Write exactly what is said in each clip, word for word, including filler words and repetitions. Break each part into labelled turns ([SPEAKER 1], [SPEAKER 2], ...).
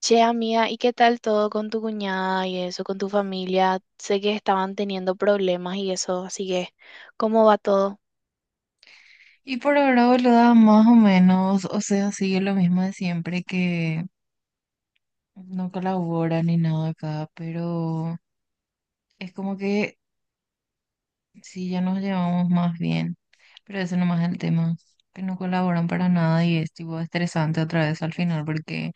[SPEAKER 1] Che, amiga, ¿y qué tal todo con tu cuñada y eso, con tu familia? Sé que estaban teniendo problemas y eso, así que, ¿cómo va todo?
[SPEAKER 2] Y por ahora, boluda, más o menos, o sea, sigue lo mismo de siempre que no colabora ni nada acá, pero es como que sí, ya nos llevamos más bien, pero eso nomás es el tema, que no colaboran para nada y es tipo estresante otra vez al final porque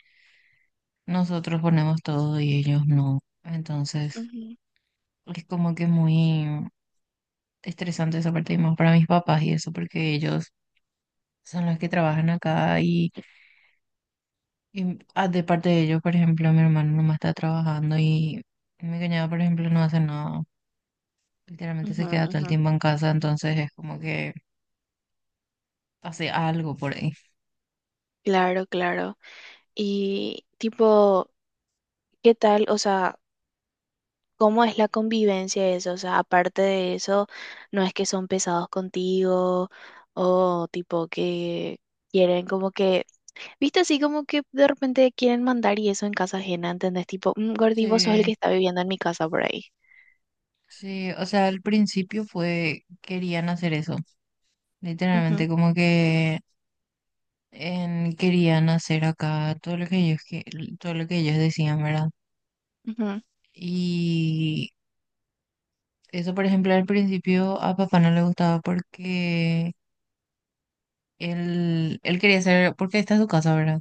[SPEAKER 2] nosotros ponemos todo y ellos no, entonces
[SPEAKER 1] Ujú,
[SPEAKER 2] es como que muy estresante esa parte y más para mis papás y eso porque ellos son los que trabajan acá y Y ah, de parte de ellos, por ejemplo, mi hermano nomás está trabajando y mi cuñado, por ejemplo, no hace nada. Literalmente
[SPEAKER 1] ujú,
[SPEAKER 2] se queda todo el
[SPEAKER 1] ujú.
[SPEAKER 2] tiempo en casa, entonces es como que hace algo por ahí.
[SPEAKER 1] Claro, claro. Y tipo, ¿qué tal? O sea, ¿cómo es la convivencia de eso? O sea, aparte de eso, ¿no es que son pesados contigo o tipo que quieren como que, viste así como que de repente quieren mandar y eso en casa ajena, ¿entendés? Tipo, "Mm, gordi, vos sos el que
[SPEAKER 2] Sí,
[SPEAKER 1] está viviendo en mi casa por ahí."
[SPEAKER 2] sí, o sea, al principio fue, querían hacer eso. Literalmente como que en- querían hacer acá todo lo que ellos, que- todo lo que ellos decían, ¿verdad?
[SPEAKER 1] Ujú,
[SPEAKER 2] Y eso, por ejemplo, al principio a papá no le gustaba porque él, él quería hacer, porque esta es su casa, ¿verdad?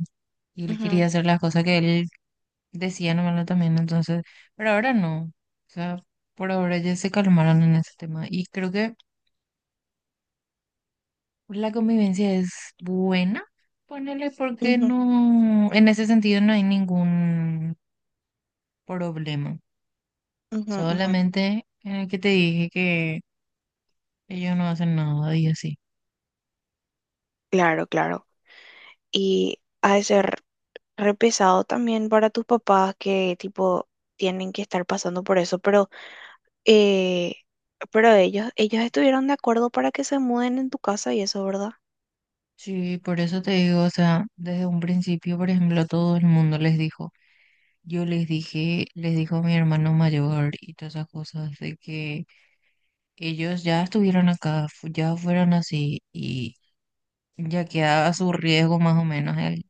[SPEAKER 2] Y él quería
[SPEAKER 1] ujú.
[SPEAKER 2] hacer las cosas que él decía nomás también, entonces, pero ahora no. O sea, por ahora ya se calmaron en ese tema. Y creo que la convivencia es buena, ponele porque
[SPEAKER 1] Ujú,
[SPEAKER 2] no, en ese sentido no hay ningún problema.
[SPEAKER 1] ujú, ujú.
[SPEAKER 2] Solamente en el que te dije que ellos no hacen nada y así.
[SPEAKER 1] Claro, claro. Y ha de ser re pesado también para tus papás que tipo tienen que estar pasando por eso, pero eh, pero ellos ellos estuvieron de acuerdo para que se muden en tu casa y eso, ¿verdad?
[SPEAKER 2] Sí, por eso te digo, o sea, desde un principio, por ejemplo, todo el mundo les dijo, yo les dije, les dijo mi hermano mayor y todas esas cosas de que ellos ya estuvieron acá, fu- ya fueron así y ya queda a su riesgo más o menos el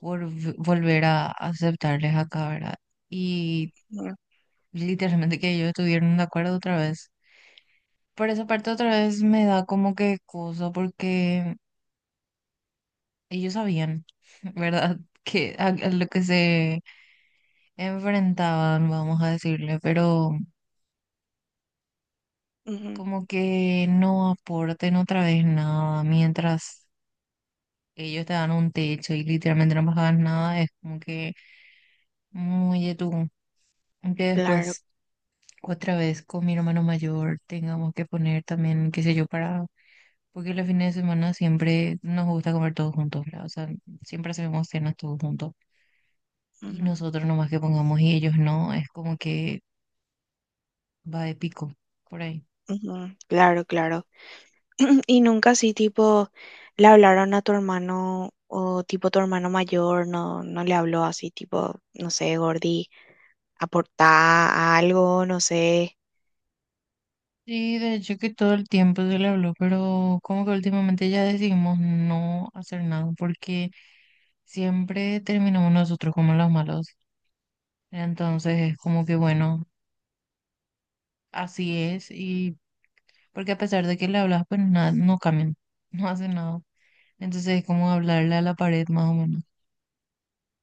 [SPEAKER 2] volv- volver a aceptarles acá, ¿verdad? Y
[SPEAKER 1] Ujú,
[SPEAKER 2] literalmente que ellos estuvieron de acuerdo otra vez. Por esa parte otra vez me da como que cosa porque ellos sabían, ¿verdad? Que a, a lo que se enfrentaban, vamos a decirle, pero
[SPEAKER 1] ujú.
[SPEAKER 2] como que no aporten otra vez nada mientras ellos te dan un techo y literalmente no pagas nada, es como que muy de tú. Que
[SPEAKER 1] Claro,
[SPEAKER 2] después, otra vez con mi hermano mayor, tengamos que poner también, qué sé yo, para. Porque los fines de semana siempre nos gusta comer todos juntos, ¿verdad? O sea, siempre hacemos cenas todos juntos. Y
[SPEAKER 1] ujú,
[SPEAKER 2] nosotros nomás que pongamos y ellos no, es como que va de pico por ahí.
[SPEAKER 1] ujú. Claro, claro. Y nunca así, tipo, le hablaron a tu hermano o tipo tu hermano mayor, no, no le habló así, tipo, no sé, gordi, aportá algo, no sé.
[SPEAKER 2] Sí, de hecho que todo el tiempo se le habló, pero como que últimamente ya decidimos no hacer nada porque siempre terminamos nosotros como los malos. Entonces es como que bueno, así es y porque a pesar de que le hablas, pues nada, no cambian, no hacen nada. Entonces es como hablarle a la pared más o menos.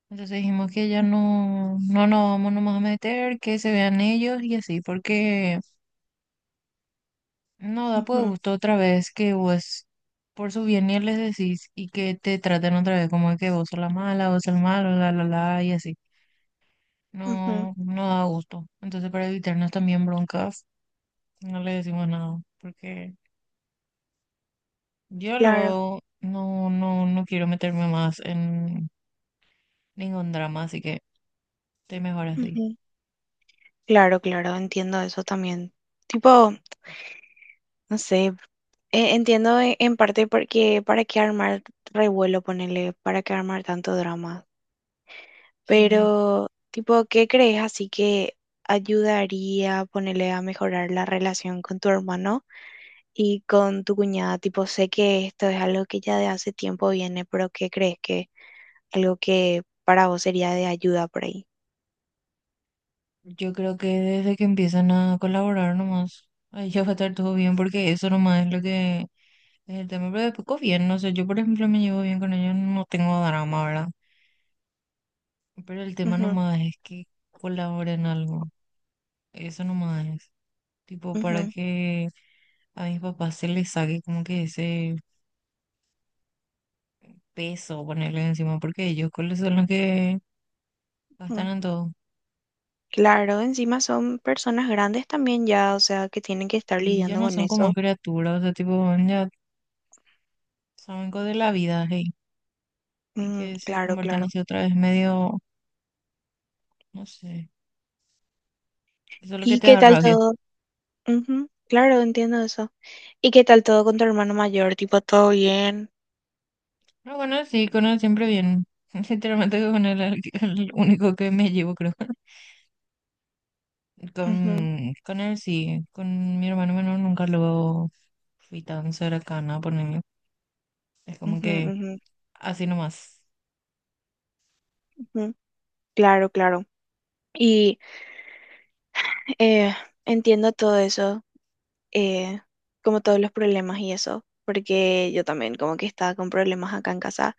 [SPEAKER 2] Entonces dijimos que ya no, no nos vamos nomás a meter, que se vean ellos y así, porque no da pues
[SPEAKER 1] Ujú,
[SPEAKER 2] gusto otra vez que vos por su bien ni les decís y que te traten otra vez como de que vos sos la mala, vos sos el malo, la la la y así.
[SPEAKER 1] ujú,
[SPEAKER 2] No, no da gusto. Entonces para evitarnos también broncas, no le decimos nada, porque yo
[SPEAKER 1] claro,
[SPEAKER 2] luego no, no, no quiero meterme más en ningún drama, así que estoy mejor así.
[SPEAKER 1] ujú. Claro, claro, entiendo eso también. Tipo, no sé, e- entiendo e- en parte porque para qué armar revuelo, ponerle, para qué armar tanto drama.
[SPEAKER 2] Sí,
[SPEAKER 1] Pero, tipo, ¿qué crees así que ayudaría a ponerle a mejorar la relación con tu hermano y con tu cuñada? Tipo, sé que esto es algo que ya de hace tiempo viene, pero ¿qué crees que algo que para vos sería de ayuda por ahí?
[SPEAKER 2] yo creo que desde que empiezan a colaborar nomás, ahí ya va a estar todo bien porque eso nomás es lo que pues, el tema pero después con bien, no sé, yo por ejemplo me llevo bien con ellos, no tengo drama, ¿verdad? Pero el tema
[SPEAKER 1] Ujú,
[SPEAKER 2] nomás es que colaboren en algo, eso nomás es, tipo para
[SPEAKER 1] ujú,
[SPEAKER 2] que a mis papás se les saque como que ese peso ponerle encima, porque ellos cuáles son los que gastan
[SPEAKER 1] ujú.
[SPEAKER 2] en todo.
[SPEAKER 1] Claro, encima son personas grandes también ya, o sea, que tienen que estar
[SPEAKER 2] Y ya
[SPEAKER 1] lidiando
[SPEAKER 2] no
[SPEAKER 1] con
[SPEAKER 2] son como
[SPEAKER 1] eso.
[SPEAKER 2] criaturas, o sea, tipo, ya saben cosas de la vida, hey, y
[SPEAKER 1] Mm,
[SPEAKER 2] que se
[SPEAKER 1] claro,
[SPEAKER 2] conviertan
[SPEAKER 1] claro.
[SPEAKER 2] así otra vez medio, no sé, eso es lo que
[SPEAKER 1] ¿Y
[SPEAKER 2] te
[SPEAKER 1] qué
[SPEAKER 2] da
[SPEAKER 1] tal
[SPEAKER 2] rabia.
[SPEAKER 1] todo? Ujú, claro, entiendo eso. ¿Y qué tal todo con tu hermano mayor? Tipo, todo bien.
[SPEAKER 2] No bueno, sí, con él siempre bien. Sinceramente, con él es el, el único que me llevo, creo.
[SPEAKER 1] Ujú,
[SPEAKER 2] Con, con él sí, con mi hermano menor nunca lo fui tan cercana, ponerle. Es como
[SPEAKER 1] ujú,
[SPEAKER 2] que
[SPEAKER 1] ujú,
[SPEAKER 2] así nomás.
[SPEAKER 1] ujú. Claro, claro. Y eh, entiendo todo eso, eh, como todos los problemas y eso, porque yo también como que estaba con problemas acá en casa,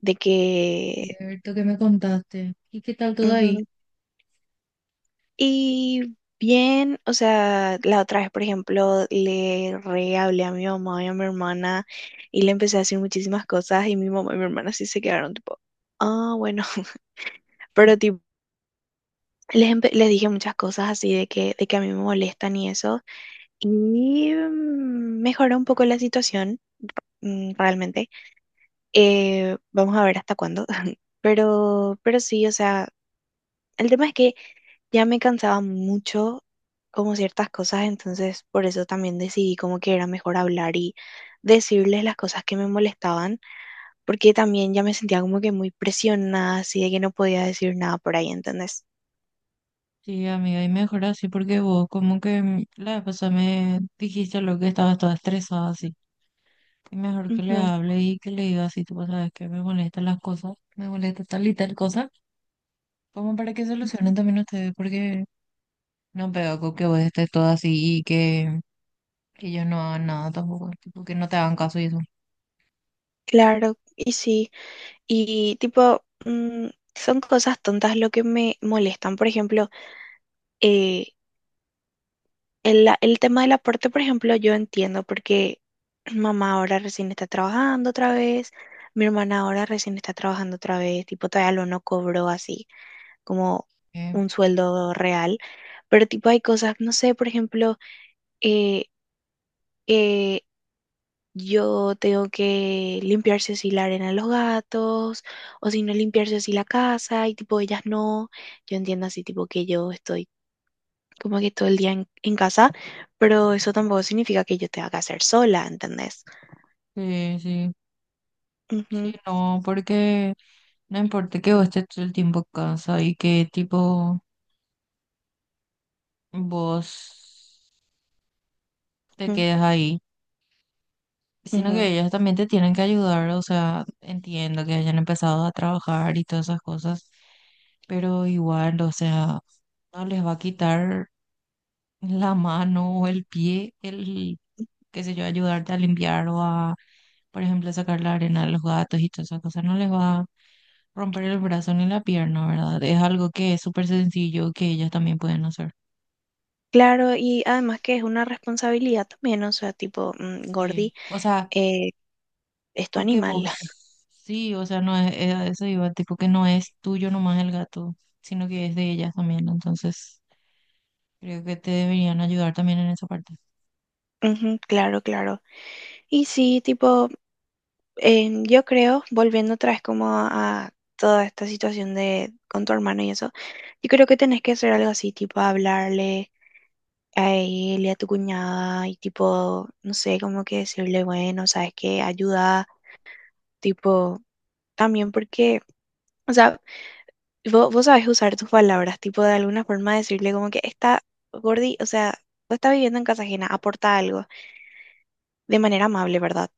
[SPEAKER 1] de que.
[SPEAKER 2] Cierto que me contaste. ¿Y qué tal todo ahí?
[SPEAKER 1] Ujú. Y bien, o sea, la otra vez, por ejemplo, le re hablé a mi mamá y a mi hermana y le empecé a decir muchísimas cosas y mi mamá y mi hermana sí se quedaron tipo, ah, bueno, pero tipo. Les, empe- les dije muchas cosas así de que, de que a mí me molestan y eso. Y mm, mejoró un poco la situación, mm, realmente. Eh, vamos a ver hasta cuándo. Pero, pero sí, o sea, el tema es que ya me cansaba mucho como ciertas cosas, entonces por eso también decidí como que era mejor hablar y decirles las cosas que me molestaban, porque también ya me sentía como que muy presionada, así de que no podía decir nada por ahí, ¿entendés?
[SPEAKER 2] Sí, amiga, y mejor así porque vos como que mm, la vez pasada me dijiste lo que estabas toda estresada así. Y mejor que le
[SPEAKER 1] Ujú,
[SPEAKER 2] hable y que le diga así, tú sabes que me molestan las cosas, me molesta tal y tal cosa, como para que
[SPEAKER 1] ujú.
[SPEAKER 2] solucionen también ustedes, porque no pega con que vos estés todo así y que ellos no hagan nada tampoco, tipo que no te hagan caso y eso.
[SPEAKER 1] Claro, y sí. Y tipo, mm, son cosas tontas lo que me molestan. Por ejemplo, eh, el, la- el tema del aporte, por ejemplo, yo entiendo porque mamá ahora recién está trabajando otra vez, mi hermana ahora recién está trabajando otra vez, tipo, todavía lo no cobró así como
[SPEAKER 2] Eh,
[SPEAKER 1] un sueldo real. Pero tipo, hay cosas, no sé, por ejemplo, eh, yo tengo que limpiarse así la arena de los gatos, o si no limpiarse así la casa, y tipo ellas no. Yo entiendo así tipo que yo estoy como que todo el día en, en casa, pero eso tampoco significa que yo tenga que hacer sola, ¿entendés?
[SPEAKER 2] Sí, sí, sí,
[SPEAKER 1] Ujú,
[SPEAKER 2] no, porque no importa que vos estés todo el tiempo en casa y que tipo vos te
[SPEAKER 1] ujú,
[SPEAKER 2] quedes ahí, sino que
[SPEAKER 1] ujú.
[SPEAKER 2] ellos también te tienen que ayudar, o sea, entiendo que hayan empezado a trabajar y todas esas cosas, pero igual, o sea, no les va a quitar la mano o el pie, el, qué sé yo, ayudarte a limpiar o a por ejemplo, sacar la arena a los gatos y todas esas cosas no les va a romper el brazo ni la pierna, ¿verdad? Es algo que es súper sencillo que ellos también pueden hacer.
[SPEAKER 1] Claro, y además que es una responsabilidad también, o sea, tipo, mm,
[SPEAKER 2] Sí,
[SPEAKER 1] gordi,
[SPEAKER 2] o sea,
[SPEAKER 1] eh, es tu
[SPEAKER 2] porque
[SPEAKER 1] animal.
[SPEAKER 2] vos, sí, o sea, no es, es a eso iba, tipo que no es tuyo nomás el gato, sino que es de ellas también, entonces creo que te deberían ayudar también en esa parte.
[SPEAKER 1] Ujú, claro, claro. Y sí, tipo. Em, yo creo, volviendo otra vez como a, a toda esta situación de con tu hermano y eso, yo creo que tenés que hacer algo así, tipo hablarle a él y a tu cuñada y tipo, no sé, como que decirle, bueno, sabes que ayuda, tipo, también porque, o sea, vos, vos sabes usar tus palabras, tipo, de alguna forma decirle como que está gordi, o sea, vos estás viviendo en casa ajena, aporta algo de manera amable, ¿verdad?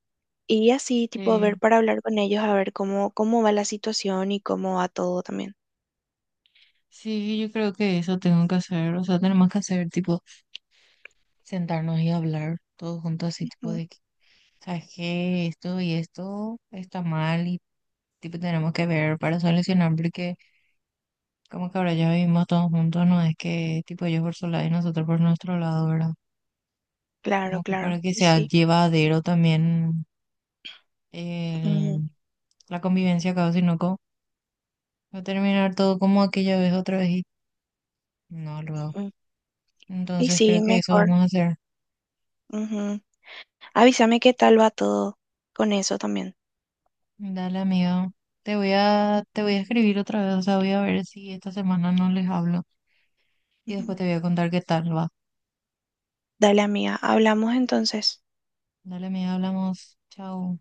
[SPEAKER 1] Y así, tipo, a ver
[SPEAKER 2] Sí,
[SPEAKER 1] para hablar con ellos, a ver cómo, cómo, va la situación y cómo va todo también.
[SPEAKER 2] sí, yo creo que eso tengo que hacer, o sea, tenemos que hacer, tipo, sentarnos y hablar todos juntos, así, tipo,
[SPEAKER 1] Ujú,
[SPEAKER 2] de que, ¿sabes qué? Esto y esto está mal, tipo tenemos que ver para solucionar, porque como que ahora ya vivimos todos juntos, no es que tipo ellos por su lado y nosotros por nuestro lado, ¿verdad?
[SPEAKER 1] claro,
[SPEAKER 2] Como que
[SPEAKER 1] claro.
[SPEAKER 2] para que
[SPEAKER 1] Y
[SPEAKER 2] sea
[SPEAKER 1] sí.
[SPEAKER 2] llevadero también
[SPEAKER 1] Ujú,
[SPEAKER 2] el- la convivencia acá, sino como va a terminar todo como aquella vez otra vez y no luego.
[SPEAKER 1] ujú. Y
[SPEAKER 2] Entonces
[SPEAKER 1] sí,
[SPEAKER 2] creo que eso
[SPEAKER 1] mejor.
[SPEAKER 2] vamos a hacer.
[SPEAKER 1] Ujú. Avísame qué tal va todo con eso también.
[SPEAKER 2] Dale, amiga. Te voy a, te voy a escribir otra vez, o sea, voy a ver si esta semana no les hablo y después
[SPEAKER 1] Ujú.
[SPEAKER 2] te voy a contar qué tal va.
[SPEAKER 1] Dale, amiga. Hablamos entonces.
[SPEAKER 2] Dale, amiga, hablamos. Chao.